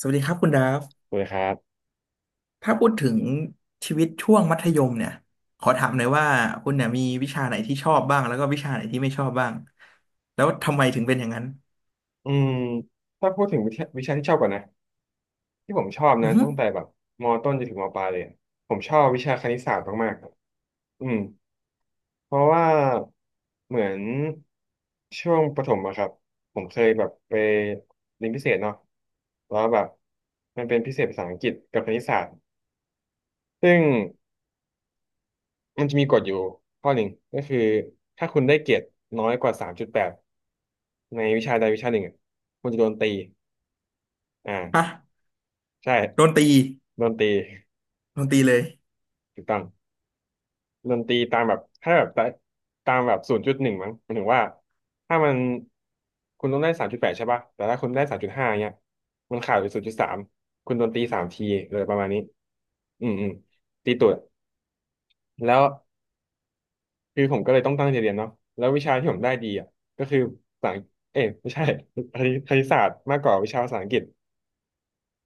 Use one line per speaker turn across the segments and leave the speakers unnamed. สวัสดีครับคุณดาฟ
คุยครับ
ถ้าพูดถึงชีวิตช่วงมัธยมเนี่ยขอถามหน่อยว่าคุณเนี่ยมีวิชาไหนที่ชอบบ้างแล้วก็วิชาไหนที่ไม่ชอบบ้างแล้วทำไมถึงเป็นอย่างนั้น
อืมถ้าพูดถึงวิชาวิชาที่ชอบก่อนนะที่ผมชอบ
อื
นะ
อฮึ
ตั้งแต่แบบมต้นจนถึงมปลายเลยอะผมชอบวิชาคณิตศาสตร์มากๆอืมเพราะว่าเหมือนช่วงประถมอะครับ ผมเคยแบบไปเรียนพิเศษเนาะแล้วแบบมันเป็นพิเศษภาษาอังกฤษกับคณิตศาสตร์ ซึ่งมันจะมีกฎอยู่ข้อหนึ่งก็คือถ้าคุณได้เกรดน้อยกว่าสามจุดแปดในวิชาใดวิชาหนึ่งอะคุณจะโดนตี
ฮะ
อ่าใช่
โดนตี
ดนตรี
โดนตีเลย
ถูกต้องดนตรีตามแบบถ้าแบบตามแบบ0.1มั้งหมายถึงว่าถ้ามันคุณต้องได้สามจุดแปดใช่ป่ะแต่ถ้าคุณได้3.5เนี้ยมันขาดไป0.3คุณโดนตรีสามทีเลยประมาณนี้อืมอืมตีตูดแล้วคือผมก็เลยต้องตั้งใจเรียนเนาะแล้ววิชาที่ผมได้ดีอ่ะก็คือภาษาเอ้ยไม่ใช่คณิตศาสตร์มากกว่าวิชาภาษาอังกฤษ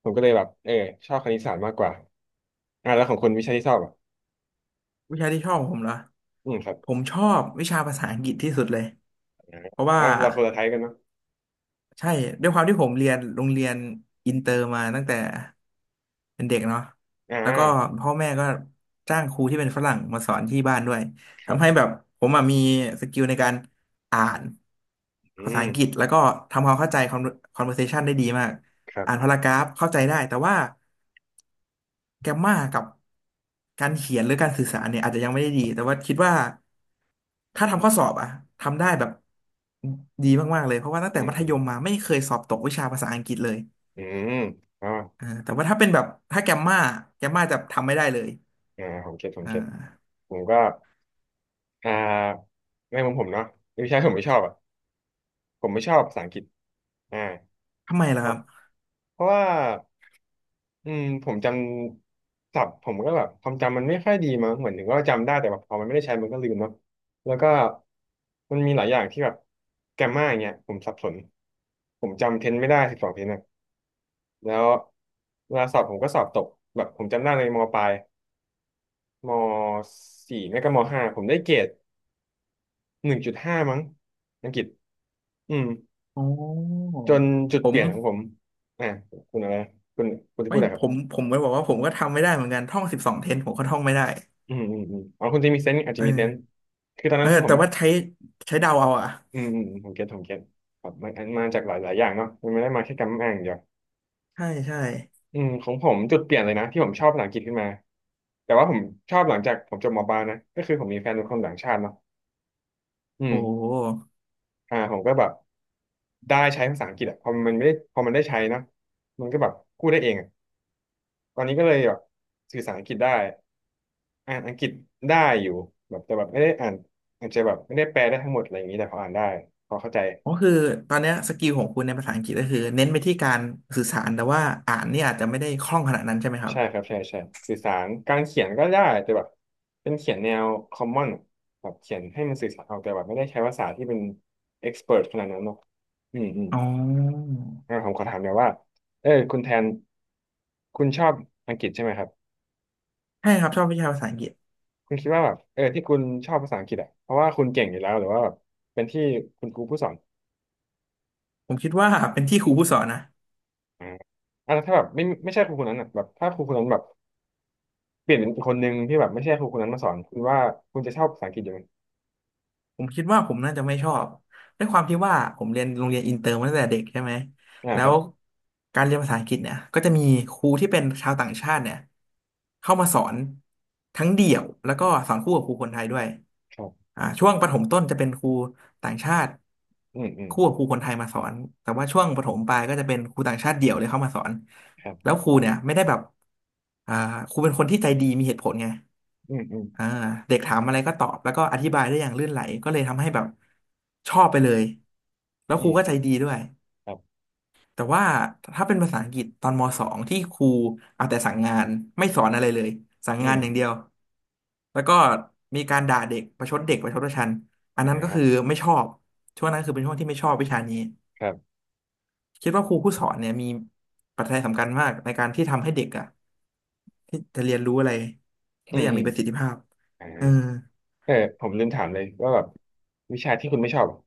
ผมก็เลยแบบเออชอบคณิตศาสตร์มากกว่าอ่าแล้วของคุณวิชาที่ชอบอ่ะ
วิชาที่ชอบของผมเหรอ
อืมครับ
ผมชอบวิชาภาษาอังกฤษที่สุดเลยเพราะว่า
อ่าเราคนละไทยกันเนาะ
ใช่ด้วยความที่ผมเรียนโรงเรียนอินเตอร์มาตั้งแต่เป็นเด็กเนาะ
อ่า
แล้วก็พ่อแม่ก็จ้างครูที่เป็นฝรั่งมาสอนที่บ้านด้วย
ครั
ทำให้
บ
แบบผมอะมีสกิลในการอ่าน
อื
ภาษา
ม
อังกฤษแล้วก็ทำความเข้าใจ conversation ได้ดีมาก
ครั
อ่าน
บ
พารากราฟเข้าใจได้แต่ว่า แกมมากับการเขียนหรือการสื่อสารเนี่ยอาจจะยังไม่ได้ดีแต่ว่าคิดว่าถ้าทำข้อสอบอะทำได้แบบดีมากๆเลยเพราะว่าตั้งแต่
อืม
มัธ
อื
ย
ม
มมาไม่เคยสอบตกวิชาภาษาอังกฤษเลย
อืมอ๋อ
อ่าแต่ว่าถ้าเป็นแบบถ้าแกมมาแกมมาจะทำไม่ได้เลย
อ่าผมเก็ตผม
อ่
เก็ต
า
ผมก็อ่าในมุมผมเนาะไม่ใช่ผมไม่ชอบอ่ะผมไม่ชอบภาษาอังกฤษอ่า
ทำไม
เพ
ล่ะค
ราะ
รับ
เพราะว่าอืมผมจำศัพท์ผมก็แบบความจำมันไม่ค่อยดีมั้งเหมือนถึงว่าจำได้แต่แบบพอมันไม่ได้ใช้มันก็ลืมเนาะแล้วก็มันมีหลายอย่างที่แบบแกรมม่าอย่างเงี้ยผมสับสนผมจำเทนไม่ได้12 เทน แล้วเวลาสอบผมก็สอบตกแบบผมจำได้ในมปลายมสี่ไม่ก็มห้าผมได้เกรด1.5มั้งอังกฤษอืม
โอ้
จนจุด
ผ
เป
ม
ลี่ยนของผมอ่าคุณอะไรคุณคุณจะ
ไม่
พูดอะไรค
ผ
รั
ม
บ
ผมก็บอกว่าผมก็ทำไม่ได้เหมือนกันท่อง12เทนผมก็ท่องไม่ได้
อืมอืมอืมอ๋อคุณจะมีเซนส์อาจจะ
เอ
มีเซนส์
อ
คือตอน
เอ
นั้
อ
นคือผ
แต่
ม
ว่าใช้เดาเอาอะ
อืมอืมอืมผมเก็ตผมเก็ตครับมันมาจากหลายหลายอย่างเนาะมันไม่ได้มาแค่กรรมอ่างอย่างเดียว
ใช่ใช่
อืมของผมจุดเปลี่ยนเลยนะที่ผมชอบภาษาอังกฤษขึ้นมาแต่ว่าผมชอบหลังจากผมจบมปลายนะก็คือผมมีแฟนเป็นคนต่างชาติเนาะอื
โอ
ม
้
อ่าผมก็แบบ ได้ใช้ภาษาอังกฤษอะพอมันไม่ได้พอมันได้ใช้นะมันก็แบบพูดได้เองอะตอนนี้ก็เลยแบบสื่อสารอังกฤษได้อ่านอังกฤษได้อยู่แบบแต่แบบไม่ได้อ่านอาจจะแบบไม่ได้แปลได้ทั้งหมดอะไรอย่างนี้แต่พออ่านได้พอเข้าใจ
ก็คือตอนเนี้ยสกิลของคุณในภาษาอังกฤษก็คือเน้นไปที่การสื่อสารแต่ว่าอ่านเนี่ยอาจจะไม่ได้คล่องขนาดนั้นใช่ไหมครับ
ใช่ครับใช่ใช่สื่อสารการเขียนก็ได้แต่แบบเป็นเขียนแนว common อะแบบเขียนให้มันสื่อสารออกแต่แบบไม่ได้ใช้ภาษาที่เป็น expert ขนาดนั้นเนาะอืมอืม
อ๋อ
งั้นผมขอถามหน่อยว่าเออคุณแทนคุณชอบอังกฤษใช่ไหมครับ
ใช่ครับชอบวิชาภาษาอังกฤษ
คุณคิดว่าแบบเออที่คุณชอบภาษาอังกฤษอ่ะเพราะว่าคุณเก่งอยู่แล้วหรือว่าแบบเป็นที่คุณครูผู้สอน
ผมคิดว่าเป็นที่ครูผู้สอนนะ
อ่าอ่ะแล้วถ้าแบบไม่ใช่ครูคนนั้นอ่ะแบบถ้าครูคนนั้นแบบเปลี่ยนเป็นอีกคนนึงที่แบบไม่ใช่ครูคนนั้นมาสอนคุณว่าคุณจะชอบภาษาอังกฤษอยู่ไหม
ผมคิดว่าผมน่าจะไม่ชอบด้วยความที่ว่าผมเรียนโรงเรียนอินเตอร์มาตั้งแต่เด็กใช่ไหม
อ่า
แล้
ครั
ว
บ
การเรียนภาษาอังกฤษเนี่ยก็จะมีครูที่เป็นชาวต่างชาติเนี่ยเข้ามาสอนทั้งเดี่ยวแล้วก็สอนคู่กับครูคนไทยด้วย
ครับ
อ่าช่วงประถมต้นจะเป็นครูต่างชาติ
อืมอืม
คู่กับครูคนไทยมาสอนแต่ว่าช่วงประถมปลายก็จะเป็นครูต่างชาติเดี่ยวเลยเข้ามาสอน
ครั
แล้ว
บ
ครูเนี่ยไม่ได้แบบอ่าครูเป็นคนที่ใจดีมีเหตุผลไง
อืมอืม
อ่าเด็กถามอะไรก็ตอบแล้วก็อธิบายได้อย่างลื่นไหลก็เลยทำให้แบบชอบไปเลยแล้ว
อื
ครู
ม
ก็ใจดีด้วย
ครับ
แต่ว่าถ้าเป็นภาษาอังกฤษตอนมสองที่ครูเอาแต่สั่งงานไม่สอนอะไรเลยสั่ง
อื
งา
ม
นอย่างเดียวแล้วก็มีการด่าเด็กประชดเด็กประชดประชันอัน
อ่า
นั้นก็คือไม่ชอบช่วงนั้นคือเป็นช่วงที่ไม่ชอบวิชานี้
ครับ
คิดว่าครูผู้สอนเนี่ยมีปัจจัยสำคัญมากในการที่ทำให้เด็กอะที่จะเรียนรู้อะไร
อื
ได้
ม
อย่าง
อืม
มีประสิทธิภาพ
อ่า
เออ
เออผมลืมถามเลยว่าแบบวิชาที่คุณไม่ชอบอะ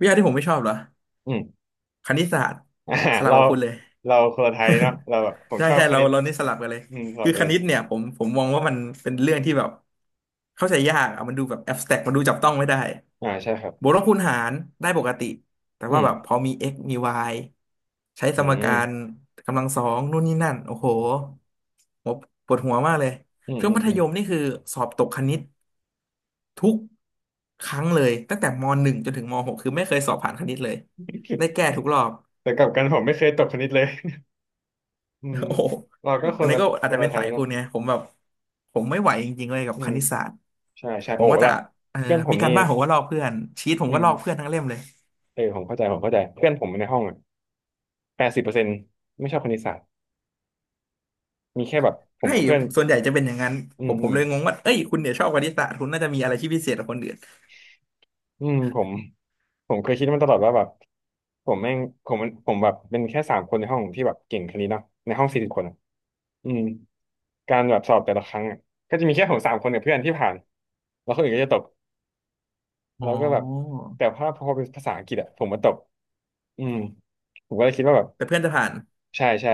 วิชาที่ผมไม่ชอบเหรอ
อืม
คณิตศาสตร์
อ่า
สลับ
เรา
กับคุณเลย
เราคนละไทยเนาะเราแบบผ ม
ใช่
ชอบ
ใช่
ค
เรา
ณิต
นี่สลับกันเลย
อืมสอ
คื
บ
อ
กั
ค
นเลย
ณิตเนี่ยผมมองว่ามันเป็นเรื่องที่แบบเข้าใจยากอะมันดูแบบแอบสแต็กมันดูจับต้องไม่ได้
อ่าใช่ครับ
บวกลบคูณหารได้ปกติแต่
อื
ว่า
ม
แบบพอมี x มี y ใช้ส
อื
มกา
ม
รกำลังสองนู่นนี่นั่นโอ้โหหมปวดหัวมากเลย
อืม
ช่วง
อืม
มัธ
อืม
ยมนี่คือสอบตกคณิต ทุกครั้งเลยตั้งแต่มหนึ่งจนถึงมหกคือไม่เคยสอบผ่านคณิตเลย ได้แก้ทุกรอบ
แต่กลับกันผมไม่เคยตกคณิตเลยอื ม
โอ้โห
เราก็ค
อัน
น
นี้
ละ
ก็
ค
อาจ
น
จะ
ละ
เป็น
ไท
สา
ย
ย
เนาะ
คุณเนี่ยผมแบบผมไม่ไหวจริงๆเลยกับ
อื
ค
ม
ณิตศาสตร์
ใช่ใช่
ผ
โอ้
มก็จะ
ละ
เอ่อ
เพื่อนผ
มี
ม
กา
นี่
รบ้านผมก็ลอกเพื่อนชีตผม
อื
ก็
ม
ลอกเพื่อนทั้งเล่มเลย
เออผมเข้าใจผมเข้าใจเพื่อนผมในห้องอ่ะ80%ไม่ชอบคณิตศาสตร์มีแค่แบบผม
ใช่
กับเพื่อน
ส่วนใหญ่จะเป็นอย่างนั้น
อื
ผ
ม
มผ
อื
ม
ม
เลยงงว่าเอ้ยคุณเนี่ยชอบคณิตศาสตร์คุณน่าจะมีอะไรที่พิเศษกว่าคนอื่น
อืมผมเคยคิดมาตลอดว่าแบบผมแม่งผมมันผมแบบเป็นแค่สามคนในห้องที่แบบเก่งคณิตเนาะในห้อง40 คนอะอืมการแบบสอบแต่ละครั้งอะก็จะมีแค่ผมสามคนกับเพื่อนที่ผ่านแล้วคนอื่นก็จะตก
อ๋
แล้
อ
วก็แบบแต่พอเป็นภาษาอังกฤษอะผมมาตกอืมผมก็เลยคิดว่าแบบ
แต่เพื่อนจะผ่าน
ใช่ใช่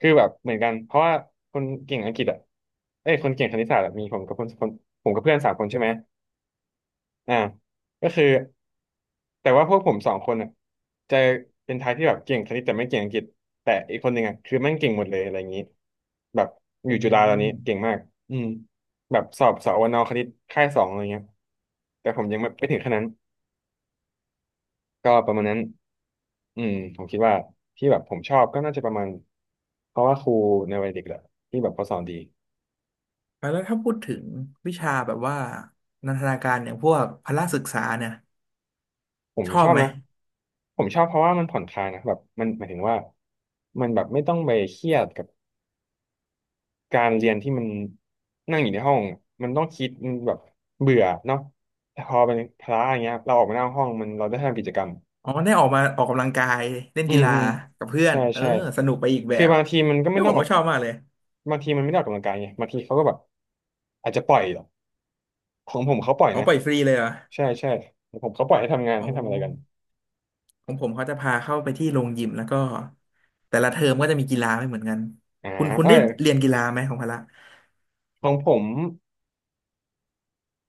คือแบบเหมือนกันเพราะว่าคนเก่งอังกฤษอะเอ้ยคนเก่งคณิตศาสตร์อะมีผมกับคนคนผมกับเพื่อนสามคนใช่ไหมอ่าก็คือแต่ว่าพวกผมสองคนอะจะเป็นทายที่แบบเก่งคณิตแต่ไม่เก่งอังกฤษแต่อีกคนหนึ่งอะคือแม่งเก่งหมดเลยอะไรอย่างนี้แบบอ
อื
ยู่จุฬาตอน
ม
นี้เก่งมากอืมแบบสอบสอวนคณิตค่ายสองอะไรเงี้ยแต่ผมยังไม่ไปถึงขนาดนั้น ก็ประมาณนั้นผมคิดว่าที่แบบผมชอบก็น่าจะประมาณเพราะว่าครูในวัยเด็กแหละที่แบบเขาสอนดี
แล้วถ้าพูดถึงวิชาแบบว่านันทนาการอย่างพวกพละศึกษาเนี่ย
ผม
ชอ
ช
บ
อบ
ไหม
นะ ผมชอบเพราะว่ามันผ่อนคลายนะแบบมันหมายถึงว่ามันแบบไม่ต้องไปเครียดกับการเรียนที่มันนั่งอยู่ในห้องมันต้องคิดมันแบบเบื่อเนาะแต่พอเป็นพละอย่างเงี้ยเราออกมาหน้าห้องมันเราได้ทำกิจกรรม
อ๋อได้ออกมาออกกำลังกายเล่น
อื
กี
ม
ฬา
อืม
กับเพื่อน
ใช่
เออ
ใช่
สนุกไปอีกแบ
คือ
บ
บางทีมันก็
เฮ้
ไม่
ย
ต้
ผ
อง
ม
ออ
ก็
ก
ชอบมากเลย
บางทีมันไม่ได้ออกกำลังกายไงบางทีเขาก็แบบอาจจะปล่อย ของผมเขาปล่อย
อ๋อ
นะ
ปล่อยฟรีเลยเหรอ
ใช่ใช่ของผมเขาปล่อยให้ทำงาน
อ๋อ
ให้ทำอะไรกัน
ของผมเขาจะพาเข้าไปที่โรงยิมแล้วก็แต่ละเทอมก็จะมีกีฬาไม่เหมือนกัน
อ่า
คุณ
เอ้
ได้
ย
เรียนกีฬาไหมของพละ
ของผม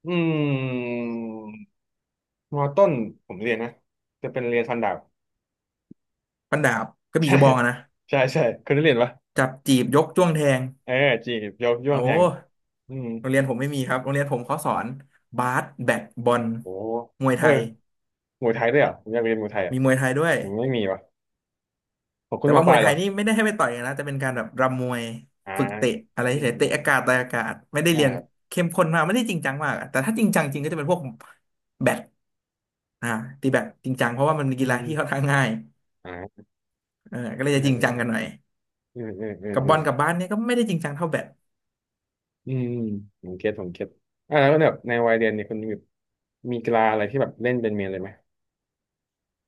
อืมมอต้นผมเรียนนะจะเป็นเรียนฟันดาบ
ฟันดาบกระ บี่
ใช่
กระบองอะนะ
ใช่ใช่เคยได้เรียนปะ
จับจีบยกจ้วงแทง
เออจีบยกย่อ
โอ้
งแทงอืม
โรงเรียนผมไม่มีครับโรงเรียนผมเขาสอนบาสแบดบอล
โอ้
มวย
เอ
ไท
อ
ย
มวยไทยด้วยเหรอผมอยากเรียนมวยไทยอ่ะ
มีมวยไทยด้วย
ผมไม่มีวะของคุ
แต่
ณ
ว่า
มาป
ม
ลา
ว
ย
ยไท
เหรอ
ยนี่ไม่ได้ให้ไปต่อยกันนะแต่เป็นการแบบรำมวย
อ่า
ฝึกเตะอะไร
อื
เฉ
ม
ยๆ
อ
เตะอา
ม
กาศต่อยอากาศไม่ได้
อ่า
เรียน
ครับ
เข้มข้นมากไม่ได้จริงจังมากอะแต่ถ้าจริงจังจริงก็จะเป็นพวกแบดอ่าตีแบดจริงจังเพราะว่ามันเป็น
อื
กี
ม
ฬา
อม
ที่ค่อนข้างง่าย
อ่า
เออก็เลย
เออ
จะจริง
เอ
จังกั
อ
นหน่อย
เออเออ
กับ
เอ
บ
อ
อลกับบาสเนี่ยก็ไม่ได้จริงจังเท่าแบด
อืมอืมผมเก็ตผมเก็ตแล้วแบบในวัยเรียนเนี่ยคุณมีกีฬาอะไรที่แบบเล่นเป็นเมนเลยไหม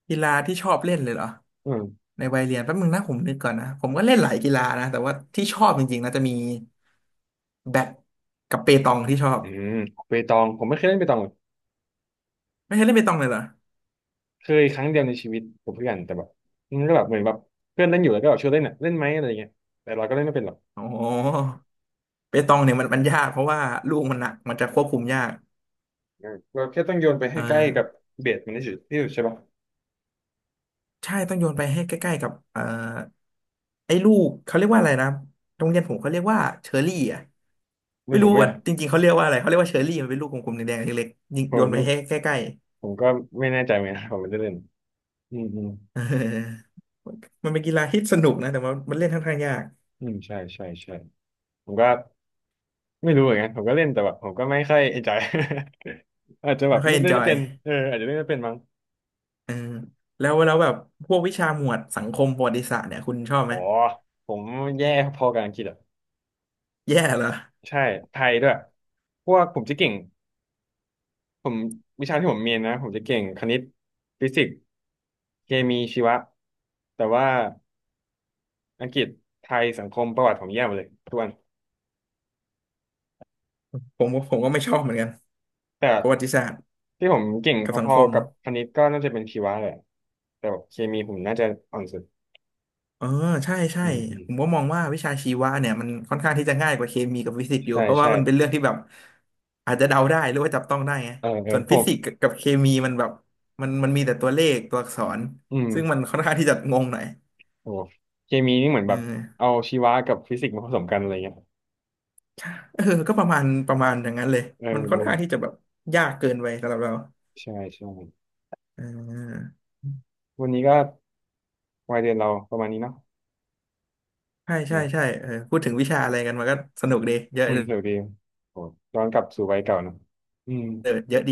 กีฬาที่ชอบเล่นเลยเหรอ
อืม
ในวัยเรียนแป๊บนึงนะผมนึกก่อนนะผมก็เล่นหลายกีฬานะแต่ว่าที่ชอบจริงๆนะจะมีแบดกับเปตองที่ชอบ
อืมเปตองผมไม่เคยเล่นเปตองเลย
ไม่เคยเล่นเปตองเลยเหรอ
เคยครั้งเดียวในชีวิตกับเพื่อนแต่แบบมันก็แบบเหมือนแบบเพื่อนเล่นอยู่แล้วก็แบบชวนเล่นอ่ะเล่นไหมอะไรเงี้ยแต่เราก็เล่นไม่เป็นหรอก
โอ้โห เปตองเนี่ยมันยากเพราะว่าลูกมันหนักมันจะควบคุมยาก
เออเราแค่ต้องโยนไป
เอ
ให้
อ
ใกล้กับเบสมันที่สุดที่สุดใช่ปะ
ใช่ต้องโยนไปให้ใกล้ๆกับไอ้ลูกเขาเรียกว่าอะไรนะโรงเรียนผมเขาเรียกว่าเชอรี่อ่ะ
ไม่
ไม่
ผ
รู้
มไม่
ว่าจริงๆเขาเรียกว่าอะไรเขาเรียกว่าเชอรี่มันเป็นลูกกลมๆแดงๆเล็กๆยิง
ผ
โยนไป
ม
ให้ใกล้
ผมก็ไม่แน่ใจเหมือนกันผมไม่ได้เล่นอืมอืม
ๆเออมันเป็นกีฬาที่สนุกนะแต่ว่ามันเล่นค่อนข้างยาก
อืมใช่ใช่ใช่ผมก็ ไม่รู้เหมือนกันผมก็เล่นแต่แบบผมก็ไม่ค่อยเอ นจอย อาจจะแบ
ไม่
บ
ค่อยเอน
เล่น
จ
ไม่
อย
เป็นเอออาจจะเล่นไม่เป็นมั้ง
เออแล้วแบบพวกวิชาหมวดสังคมประวัติศาสตร์เนี่ยคุณชอบไห
อ๋
ม
อผมแย่พอกับอังกฤษอ่ะ
แย่เหรอ
ใช่ไทยด้วยพวกผมจะเก่งผมวิชาที่ผมเรียนนะผมจะเก่งคณิตฟิสิกส์เคมีชีวะแต่ว่าอังกฤษไทยสังคมประวัติผมแย่หมดเลยทุกวัน
ผมก็ไม่ชอบเหมือนกัน
แต่
ประวัติศาสตร์
ที่ผมเก่ง
กับสั
พ
ง
อ
ค
ๆ
ม
กับคณิตก็น่าจะเป็นชีวะแหละแต่แบบเคมีผมน่าจะอ่อนสุด
เออใช่ใช่
อืมอืม
ผมก็มองว่าวิชาชีวะเนี่ยมันค่อนข้างที่จะง่ายกว่าเคมีกับฟิสิกส์อยู่
ใช่
เพราะว่า
ใช่
มันเป็นเรื่องที่แบบอาจจะเดาได้หรือว่าจับต้องได้ไง
เออเออ
ส่วน
ผ
ฟิ
ม
สิกส์กับเคมีมันแบบมันมีแต่ตัวเลขตัวอักษร
อืม
ซึ่งมันค่อนข้างที่จะงงหน่อย
โอ้เคมีนี่เหมือน
เออ
แบบเอาชีวะกับฟิสิกส์มาผสมกันอะไรเงี้ย
ใช่เออก็ประมาณอย่างนั้นเลย
เออ
มันค่
เอ
อน
อ
ข้างที่จะแบบยากเกินไปสำหรับเรา
ใช่ใช่
เออ
วันนี้ก็วัยเรียนเราประมาณนี้เนาะ
ใช่
ไห
ใช่
ม
ใช่เออพูดถึงวิชาอะไรกันมันก็สนุกดีเยอะ
อื
เอ
ม
อ
สวัสดีโอ้ย้อนกลับสู่วัยเก่าเนอะอืม
เยอะดี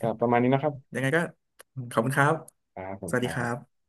ก็ประมาณนี้นะครับ
ยังไงก็ขอบคุณครับ
ครับผ
ส
ม
วัส
ค
ดี
รั
ครั
บ
บ